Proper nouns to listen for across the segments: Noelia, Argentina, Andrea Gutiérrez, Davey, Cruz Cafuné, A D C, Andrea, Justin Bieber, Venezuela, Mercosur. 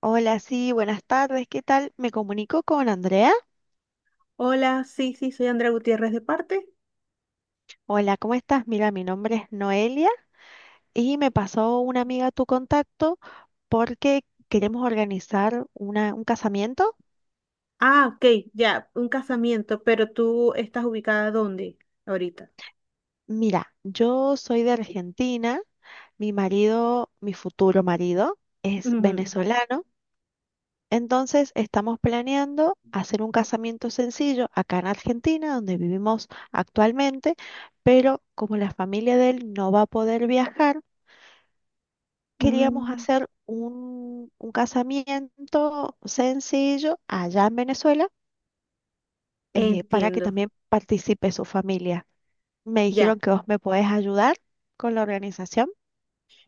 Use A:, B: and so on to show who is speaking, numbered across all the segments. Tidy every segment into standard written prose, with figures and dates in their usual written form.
A: Hola, sí, buenas tardes, ¿qué tal? Me comunico con Andrea.
B: Hola, sí, sí, soy Andrea Gutiérrez de parte.
A: Hola, ¿cómo estás? Mira, mi nombre es Noelia y me pasó una amiga tu contacto porque queremos organizar un casamiento.
B: Ah, ok, ya, un casamiento, pero tú estás ubicada dónde ahorita.
A: Mira, yo soy de Argentina, mi marido, mi futuro marido, es
B: Ujú,
A: venezolano, entonces estamos planeando hacer un casamiento sencillo acá en Argentina, donde vivimos actualmente, pero como la familia de él no va a poder viajar, queríamos
B: mm,
A: hacer un casamiento sencillo allá en Venezuela, para que
B: entiendo,
A: también participe su familia. Me
B: ya.
A: dijeron que vos me podés ayudar con la organización.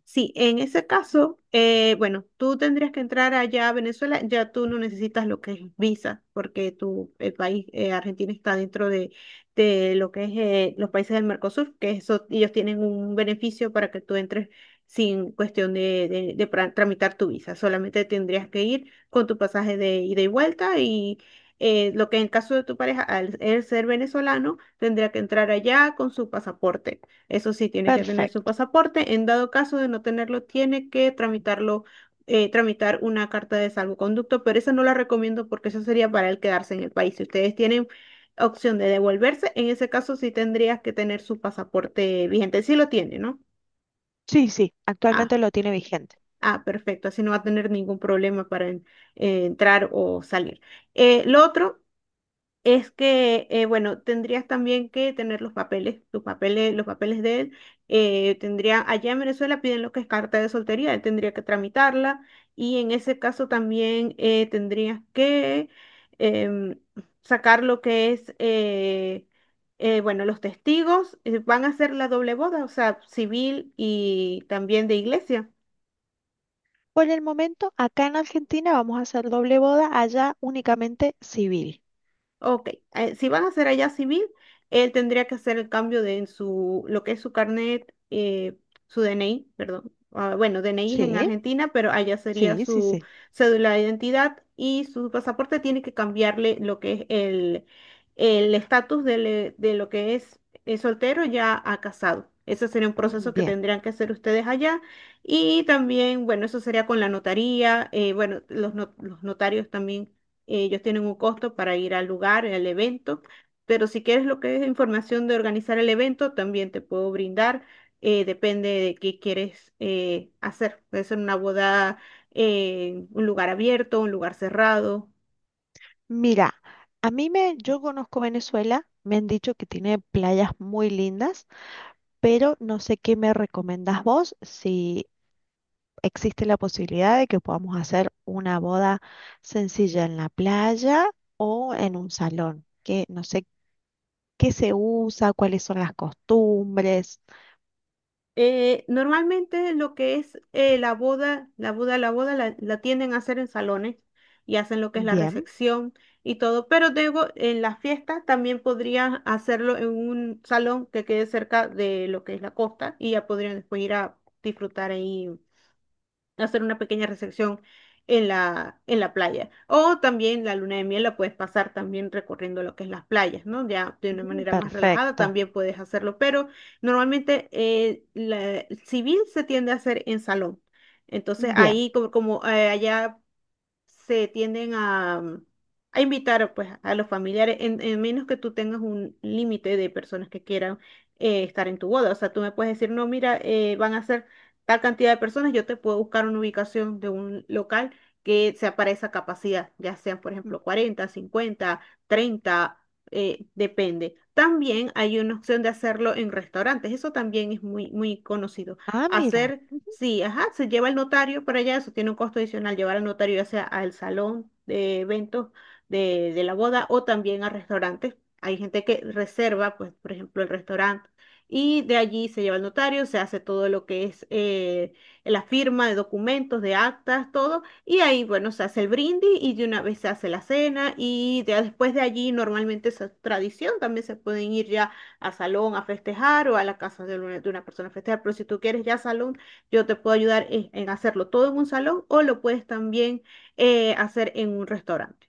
B: Sí, en ese caso, bueno, tú tendrías que entrar allá a Venezuela, ya tú no necesitas lo que es visa, porque tu, el país, Argentina está dentro de lo que es los países del Mercosur, que eso, ellos tienen un beneficio para que tú entres sin cuestión de tramitar tu visa, solamente tendrías que ir con tu pasaje de ida y vuelta y lo que en el caso de tu pareja, al él ser venezolano, tendría que entrar allá con su pasaporte. Eso sí, tiene que tener su
A: Perfecto.
B: pasaporte. En dado caso de no tenerlo, tiene que tramitarlo, tramitar una carta de salvoconducto, pero esa no la recomiendo porque eso sería para el quedarse en el país. Si ustedes tienen opción de devolverse, en ese caso sí tendrías que tener su pasaporte vigente. Sí lo tiene, ¿no?
A: Sí, sí,
B: Ah,
A: actualmente lo tiene vigente.
B: ah, perfecto. Así no va a tener ningún problema para entrar o salir. Lo otro es que, bueno, tendrías también que tener los papeles, tus papeles, los papeles de él. Tendría, allá en Venezuela piden lo que es carta de soltería, él tendría que tramitarla y en ese caso también tendrías que em, sacar lo que es, bueno, los testigos van a hacer la doble boda, o sea, civil y también de iglesia.
A: Por el momento, acá en Argentina vamos a hacer doble boda, allá únicamente civil.
B: Ok, si van a hacer allá civil, él tendría que hacer el cambio de en su, lo que es su carnet, su DNI, perdón. Ah, bueno, DNI es en
A: Sí,
B: Argentina, pero allá sería
A: sí, sí,
B: su
A: sí.
B: cédula de identidad y su pasaporte tiene que cambiarle lo que es el estatus del, de, lo que es soltero ya a casado. Ese sería un
A: Mm,
B: proceso que
A: bien.
B: tendrían que hacer ustedes allá. Y también, bueno, eso sería con la notaría. Bueno, los, no- los notarios también. Ellos tienen un costo para ir al lugar, al evento, pero si quieres lo que es información de organizar el evento, también te puedo brindar. Depende de qué quieres hacer. Puede ser una boda, en un lugar abierto, un lugar cerrado.
A: Mira, yo conozco Venezuela, me han dicho que tiene playas muy lindas. Pero no sé qué me recomendás vos, si existe la posibilidad de que podamos hacer una boda sencilla en la playa o en un salón, que no sé qué se usa, cuáles son las costumbres.
B: Normalmente lo que es la boda, la boda la tienden a hacer en salones y hacen lo que es la
A: Bien.
B: recepción y todo, pero luego en la fiesta también podrían hacerlo en un salón que quede cerca de lo que es la costa y ya podrían después ir a disfrutar ahí hacer una pequeña recepción en la playa. O también la luna de miel la puedes pasar también recorriendo lo que es las playas, ¿no? Ya de una
A: Mm,
B: manera más relajada
A: perfecto.
B: también puedes hacerlo, pero normalmente el civil se tiende a hacer en salón. Entonces
A: Bien.
B: ahí como, allá se tienden a invitar pues, a los familiares, en menos que tú tengas un límite de personas que quieran estar en tu boda. O sea, tú me puedes decir, no, mira, van a ser tal cantidad de personas, yo te puedo buscar una ubicación de un local que sea para esa capacidad, ya sean, por ejemplo, 40, 50, 30 depende. También hay una opción de hacerlo en restaurantes, eso también es muy, muy conocido.
A: Ah, mira.
B: Hacer, sí, ajá, se lleva el notario para allá, eso tiene un costo adicional, llevar al notario ya sea al salón de eventos de la boda o también a restaurantes. Hay gente que reserva, pues, por ejemplo, el restaurante y de allí se lleva el notario, se hace todo lo que es la firma de documentos, de actas, todo, y ahí, bueno, se hace el brindis y de una vez se hace la cena y ya después de allí normalmente esa tradición también se pueden ir ya a salón a festejar o a la casa de una persona a festejar. Pero si tú quieres ya salón, yo te puedo ayudar en hacerlo todo en un salón o lo puedes también hacer en un restaurante.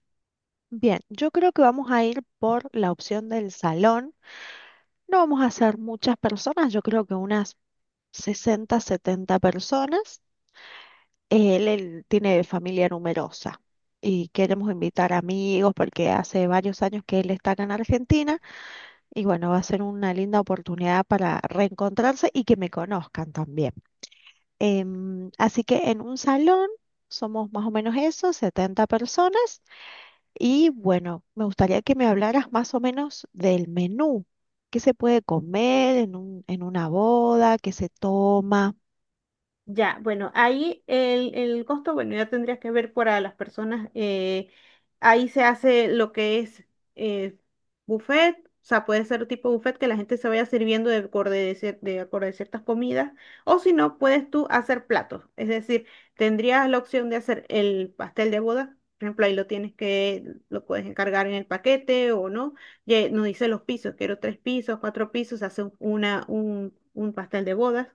A: Bien, yo creo que vamos a ir por la opción del salón. No vamos a ser muchas personas, yo creo que unas 60, 70 personas. Él tiene familia numerosa y queremos invitar amigos porque hace varios años que él está acá en Argentina y bueno, va a ser una linda oportunidad para reencontrarse y que me conozcan también. Así que en un salón somos más o menos eso, 70 personas, y bueno, me gustaría que me hablaras más o menos del menú. ¿Qué se puede comer en una boda? ¿Qué se toma?
B: Ya, bueno, ahí el costo, bueno, ya tendrías que ver para las personas. Ahí se hace lo que es eh, buffet, o sea, puede ser tipo buffet que la gente se vaya sirviendo de acorde de ciertas comidas, o si no, puedes tú hacer platos. Es decir, tendrías la opción de hacer el pastel de boda. Por ejemplo, ahí lo tienes que, lo puedes encargar en el paquete o no. Ya nos dice los pisos, quiero tres pisos, cuatro pisos, se hace un pastel de bodas.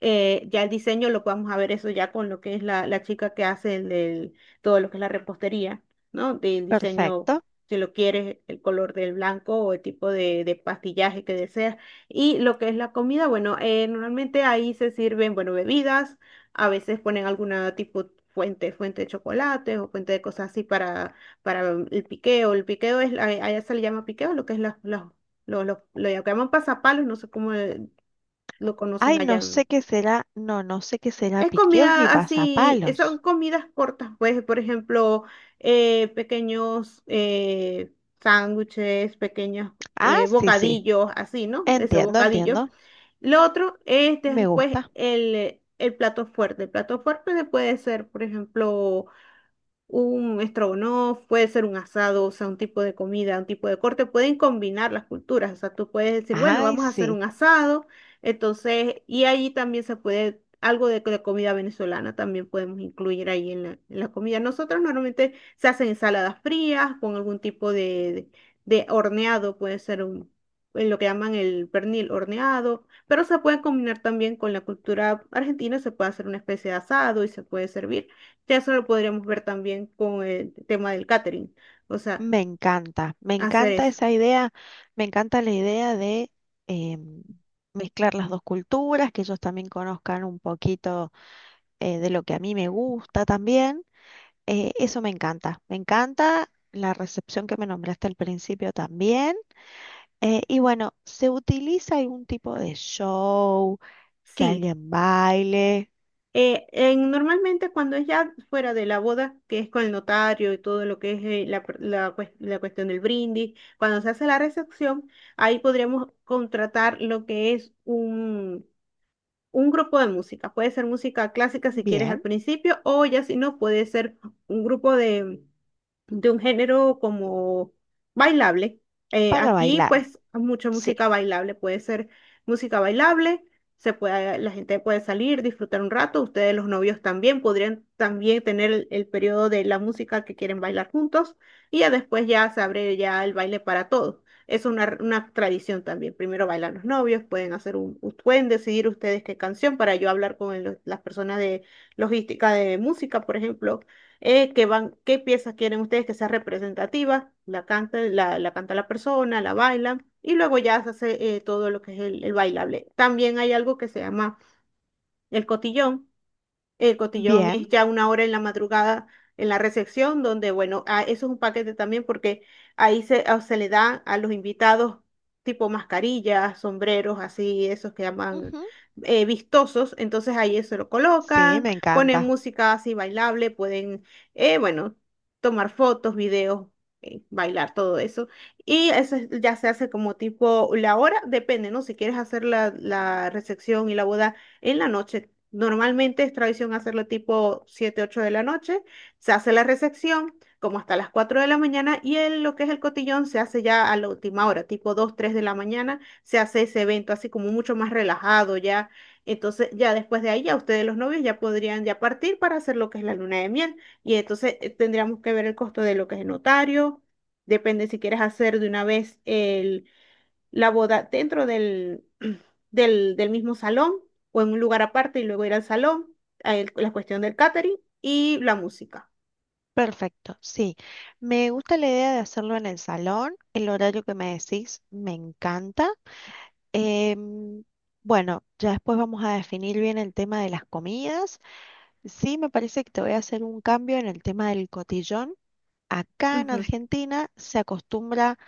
B: Ya el diseño lo vamos a ver eso ya con lo que es la chica que hace el del, todo lo que es la repostería, ¿no? Del diseño,
A: Perfecto.
B: si lo quieres, el color del blanco o el tipo de pastillaje que deseas. Y lo que es la comida, bueno, normalmente ahí se sirven, bueno, bebidas, a veces ponen alguna tipo fuente de chocolate o fuente de cosas así para el piqueo. El piqueo es, allá se le llama piqueo, lo que es lo llaman pasapalos, no sé cómo lo conocen
A: Ay, no
B: allá.
A: sé qué será, no, no sé qué será
B: Es
A: piqueos ni
B: comida así, son
A: pasapalos.
B: comidas cortas, pues, por ejemplo, pequeños sándwiches, pequeños
A: Ah, sí, sí,
B: bocadillos, así, ¿no? Esos
A: entiendo,
B: bocadillos.
A: entiendo,
B: Lo otro es
A: me
B: después
A: gusta.
B: el plato fuerte. El plato fuerte puede ser, por ejemplo, un estrogonoff, puede ser un asado, o sea, un tipo de comida, un tipo de corte, pueden combinar las culturas, o sea, tú puedes decir, bueno,
A: Ay,
B: vamos a hacer
A: sí,
B: un asado, entonces, y ahí también se puede, algo de comida venezolana también podemos incluir ahí en la comida. Nosotros normalmente se hacen ensaladas frías con algún tipo de horneado, puede ser en lo que llaman el pernil horneado, pero se puede combinar también con la cultura argentina, se puede hacer una especie de asado y se puede servir. Ya eso lo podríamos ver también con el tema del catering. O sea,
A: me
B: hacer
A: encanta
B: eso.
A: esa idea, me encanta la idea de em, mezclar las dos culturas, que ellos también conozcan un poquito de lo que a mí me gusta también. Eso me encanta la recepción que me nombraste al principio también. Y bueno, ¿se utiliza algún tipo de show? Que
B: Sí.
A: alguien baile.
B: Normalmente cuando es ya fuera de la boda, que es con el notario y todo lo que es la cuestión del brindis, cuando se hace la recepción, ahí podríamos contratar lo que es un grupo de música. Puede ser música clásica si quieres al
A: Bien,
B: principio o ya si no, puede ser un grupo de un género como bailable. Eh,
A: para
B: aquí,
A: bailar.
B: pues, mucha
A: Sí.
B: música bailable. Puede ser música bailable, se puede, la gente puede salir, disfrutar un rato. Ustedes, los novios, también podrían también tener el periodo de la música que quieren bailar juntos y ya después ya se abre ya el baile para todos. Es una tradición también. Primero bailan los novios, pueden hacer pueden decidir ustedes qué canción para yo hablar con las personas de logística de música, por ejemplo que van, qué piezas quieren ustedes que sea representativa, la canta la persona, la baila y luego ya se hace todo lo que es el bailable. También hay algo que se llama el cotillón, el cotillón
A: Bien.
B: es ya una hora en la madrugada en la recepción, donde, bueno, ah, eso es un paquete también porque ahí se le da a los invitados tipo mascarillas, sombreros, así, esos que llaman
A: Ujú.
B: vistosos. Entonces ahí eso lo
A: Sí,
B: colocan,
A: me
B: ponen
A: encanta.
B: música así bailable, pueden, bueno, tomar fotos, videos, bailar, todo eso. Y eso ya se hace como tipo la hora, depende, ¿no? Si quieres hacer la recepción y la boda en la noche. Normalmente es tradición hacerlo tipo 7 u 8 de la noche. Se hace la recepción como hasta las 4 de la mañana y lo que es el cotillón se hace ya a la última hora, tipo 2 o 3 de la mañana. Se hace ese evento así como mucho más relajado ya. Entonces ya después de ahí ya ustedes los novios ya podrían ya partir para hacer lo que es la luna de miel. Y entonces tendríamos que ver el costo de lo que es el notario. Depende si quieres hacer de una vez el la boda dentro del, del mismo salón o en un lugar aparte y luego ir al salón, a la cuestión del catering y la música.
A: Perfecto, sí. Me gusta la idea de hacerlo en el salón. El horario que me decís me encanta. Em, bueno, ya después vamos a definir bien el tema de las comidas. Sí, me parece que te voy a hacer un cambio en el tema del cotillón. Acá en
B: Ujú.
A: Argentina se acostumbra,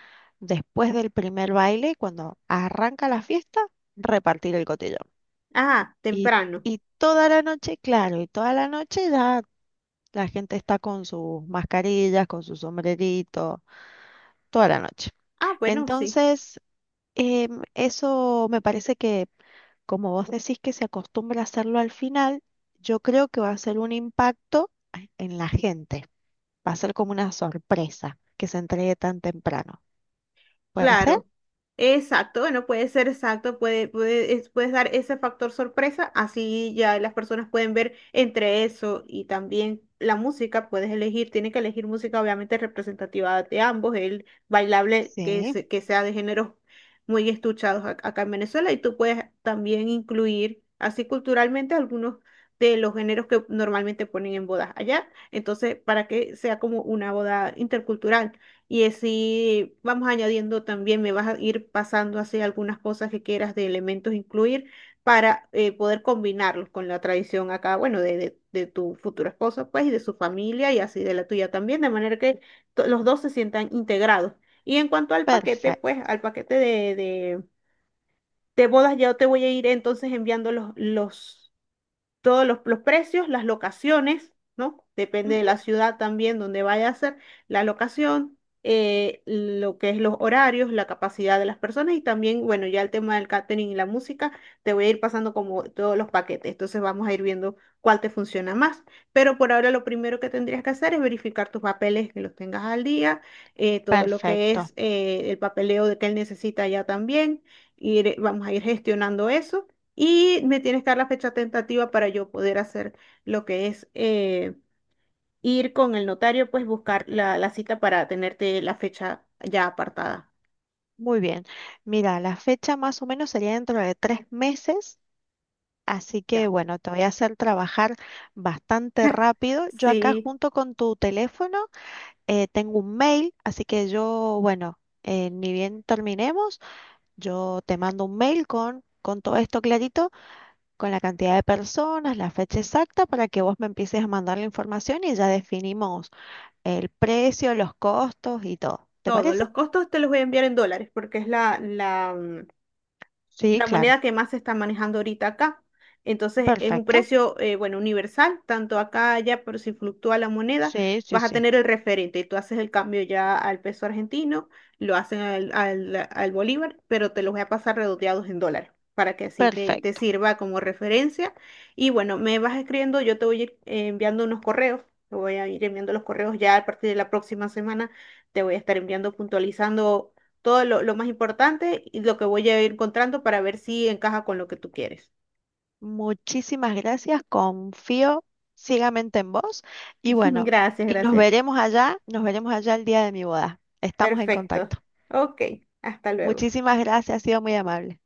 A: después del primer baile, cuando arranca la fiesta, repartir el cotillón.
B: Ah,
A: Y,
B: temprano.
A: y toda la noche, claro, y toda la noche ya la gente está con sus mascarillas, con su sombrerito, toda la noche.
B: Ah, bueno, sí.
A: Entonces, eso me parece que, como vos decís que se acostumbra a hacerlo al final, yo creo que va a ser un impacto en la gente. Va a ser como una sorpresa que se entregue tan temprano. ¿Puede ser?
B: Claro, exacto. Bueno, puede ser exacto, puedes dar ese factor sorpresa, así ya las personas pueden ver entre eso y también la música, puedes elegir, tiene que elegir música obviamente representativa de ambos, el bailable que,
A: Sí,
B: se- que sea de géneros muy estuchados acá en Venezuela y tú puedes también incluir así culturalmente algunos de los géneros que normalmente ponen en bodas allá, entonces para que sea como una boda intercultural. Y así vamos añadiendo también, me vas a ir pasando así algunas cosas que quieras de elementos incluir para poder combinarlos con la tradición acá, bueno, de tu futuro esposo, pues, y de su familia y así de la tuya también, de manera que los dos se sientan integrados. Y en cuanto al paquete, pues,
A: perfecto.
B: al paquete de bodas, ya te voy a ir entonces enviando los todos los precios, las locaciones, ¿no? Depende de la ciudad también donde vaya a ser la locación, lo que es los horarios, la capacidad de las personas y también, bueno, ya el tema del catering y la música, te voy a ir pasando como todos los paquetes, entonces vamos a ir viendo cuál te funciona más. Pero por ahora lo primero que tendrías que hacer es verificar tus papeles, que los tengas al día, todo lo que
A: Perfecto.
B: es el papeleo de que él necesita ya también, ir, vamos a ir gestionando eso. Y me tienes que dar la fecha tentativa para yo poder hacer lo que es ir con el notario, pues buscar la cita para tenerte la fecha ya apartada.
A: Muy bien. Mira, la fecha más o menos sería dentro de 3 meses. Así que
B: Ya.
A: bueno, te voy a hacer trabajar bastante rápido. Yo acá
B: Sí,
A: junto con tu teléfono, tengo un mail, así que yo, bueno, ni bien terminemos, yo te mando un mail con todo esto clarito, con la cantidad de personas, la fecha exacta, para que vos me empieces a mandar la información y ya definimos el precio, los costos y todo. ¿Te
B: todo.
A: parece?
B: Los costos te los voy a enviar en dólares porque es la, la, mm,
A: Sí,
B: la
A: claro.
B: moneda que más se está manejando ahorita acá. Entonces es un
A: Perfecto.
B: precio, bueno, universal, tanto acá, allá, pero si fluctúa la moneda,
A: Sí, sí,
B: vas a
A: sí.
B: tener el referente y tú haces el cambio ya al peso argentino, lo hacen al bolívar, pero te los voy a pasar redondeados en dólares para que así te
A: Perfecto.
B: sirva como referencia. Y bueno, me vas escribiendo, yo te voy a ir enviando unos correos, te voy a ir enviando los correos ya a partir de la próxima semana, te voy a estar enviando puntualizando todo lo más importante y lo que voy a ir encontrando para ver si encaja con lo que tú quieres.
A: Muchísimas gracias, confío ciegamente en vos y bueno,
B: Gracias,
A: y
B: gracias.
A: nos veremos allá el día de mi boda. Estamos en
B: Perfecto.
A: contacto.
B: Ok, hasta luego.
A: Muchísimas gracias, ha sido muy amable.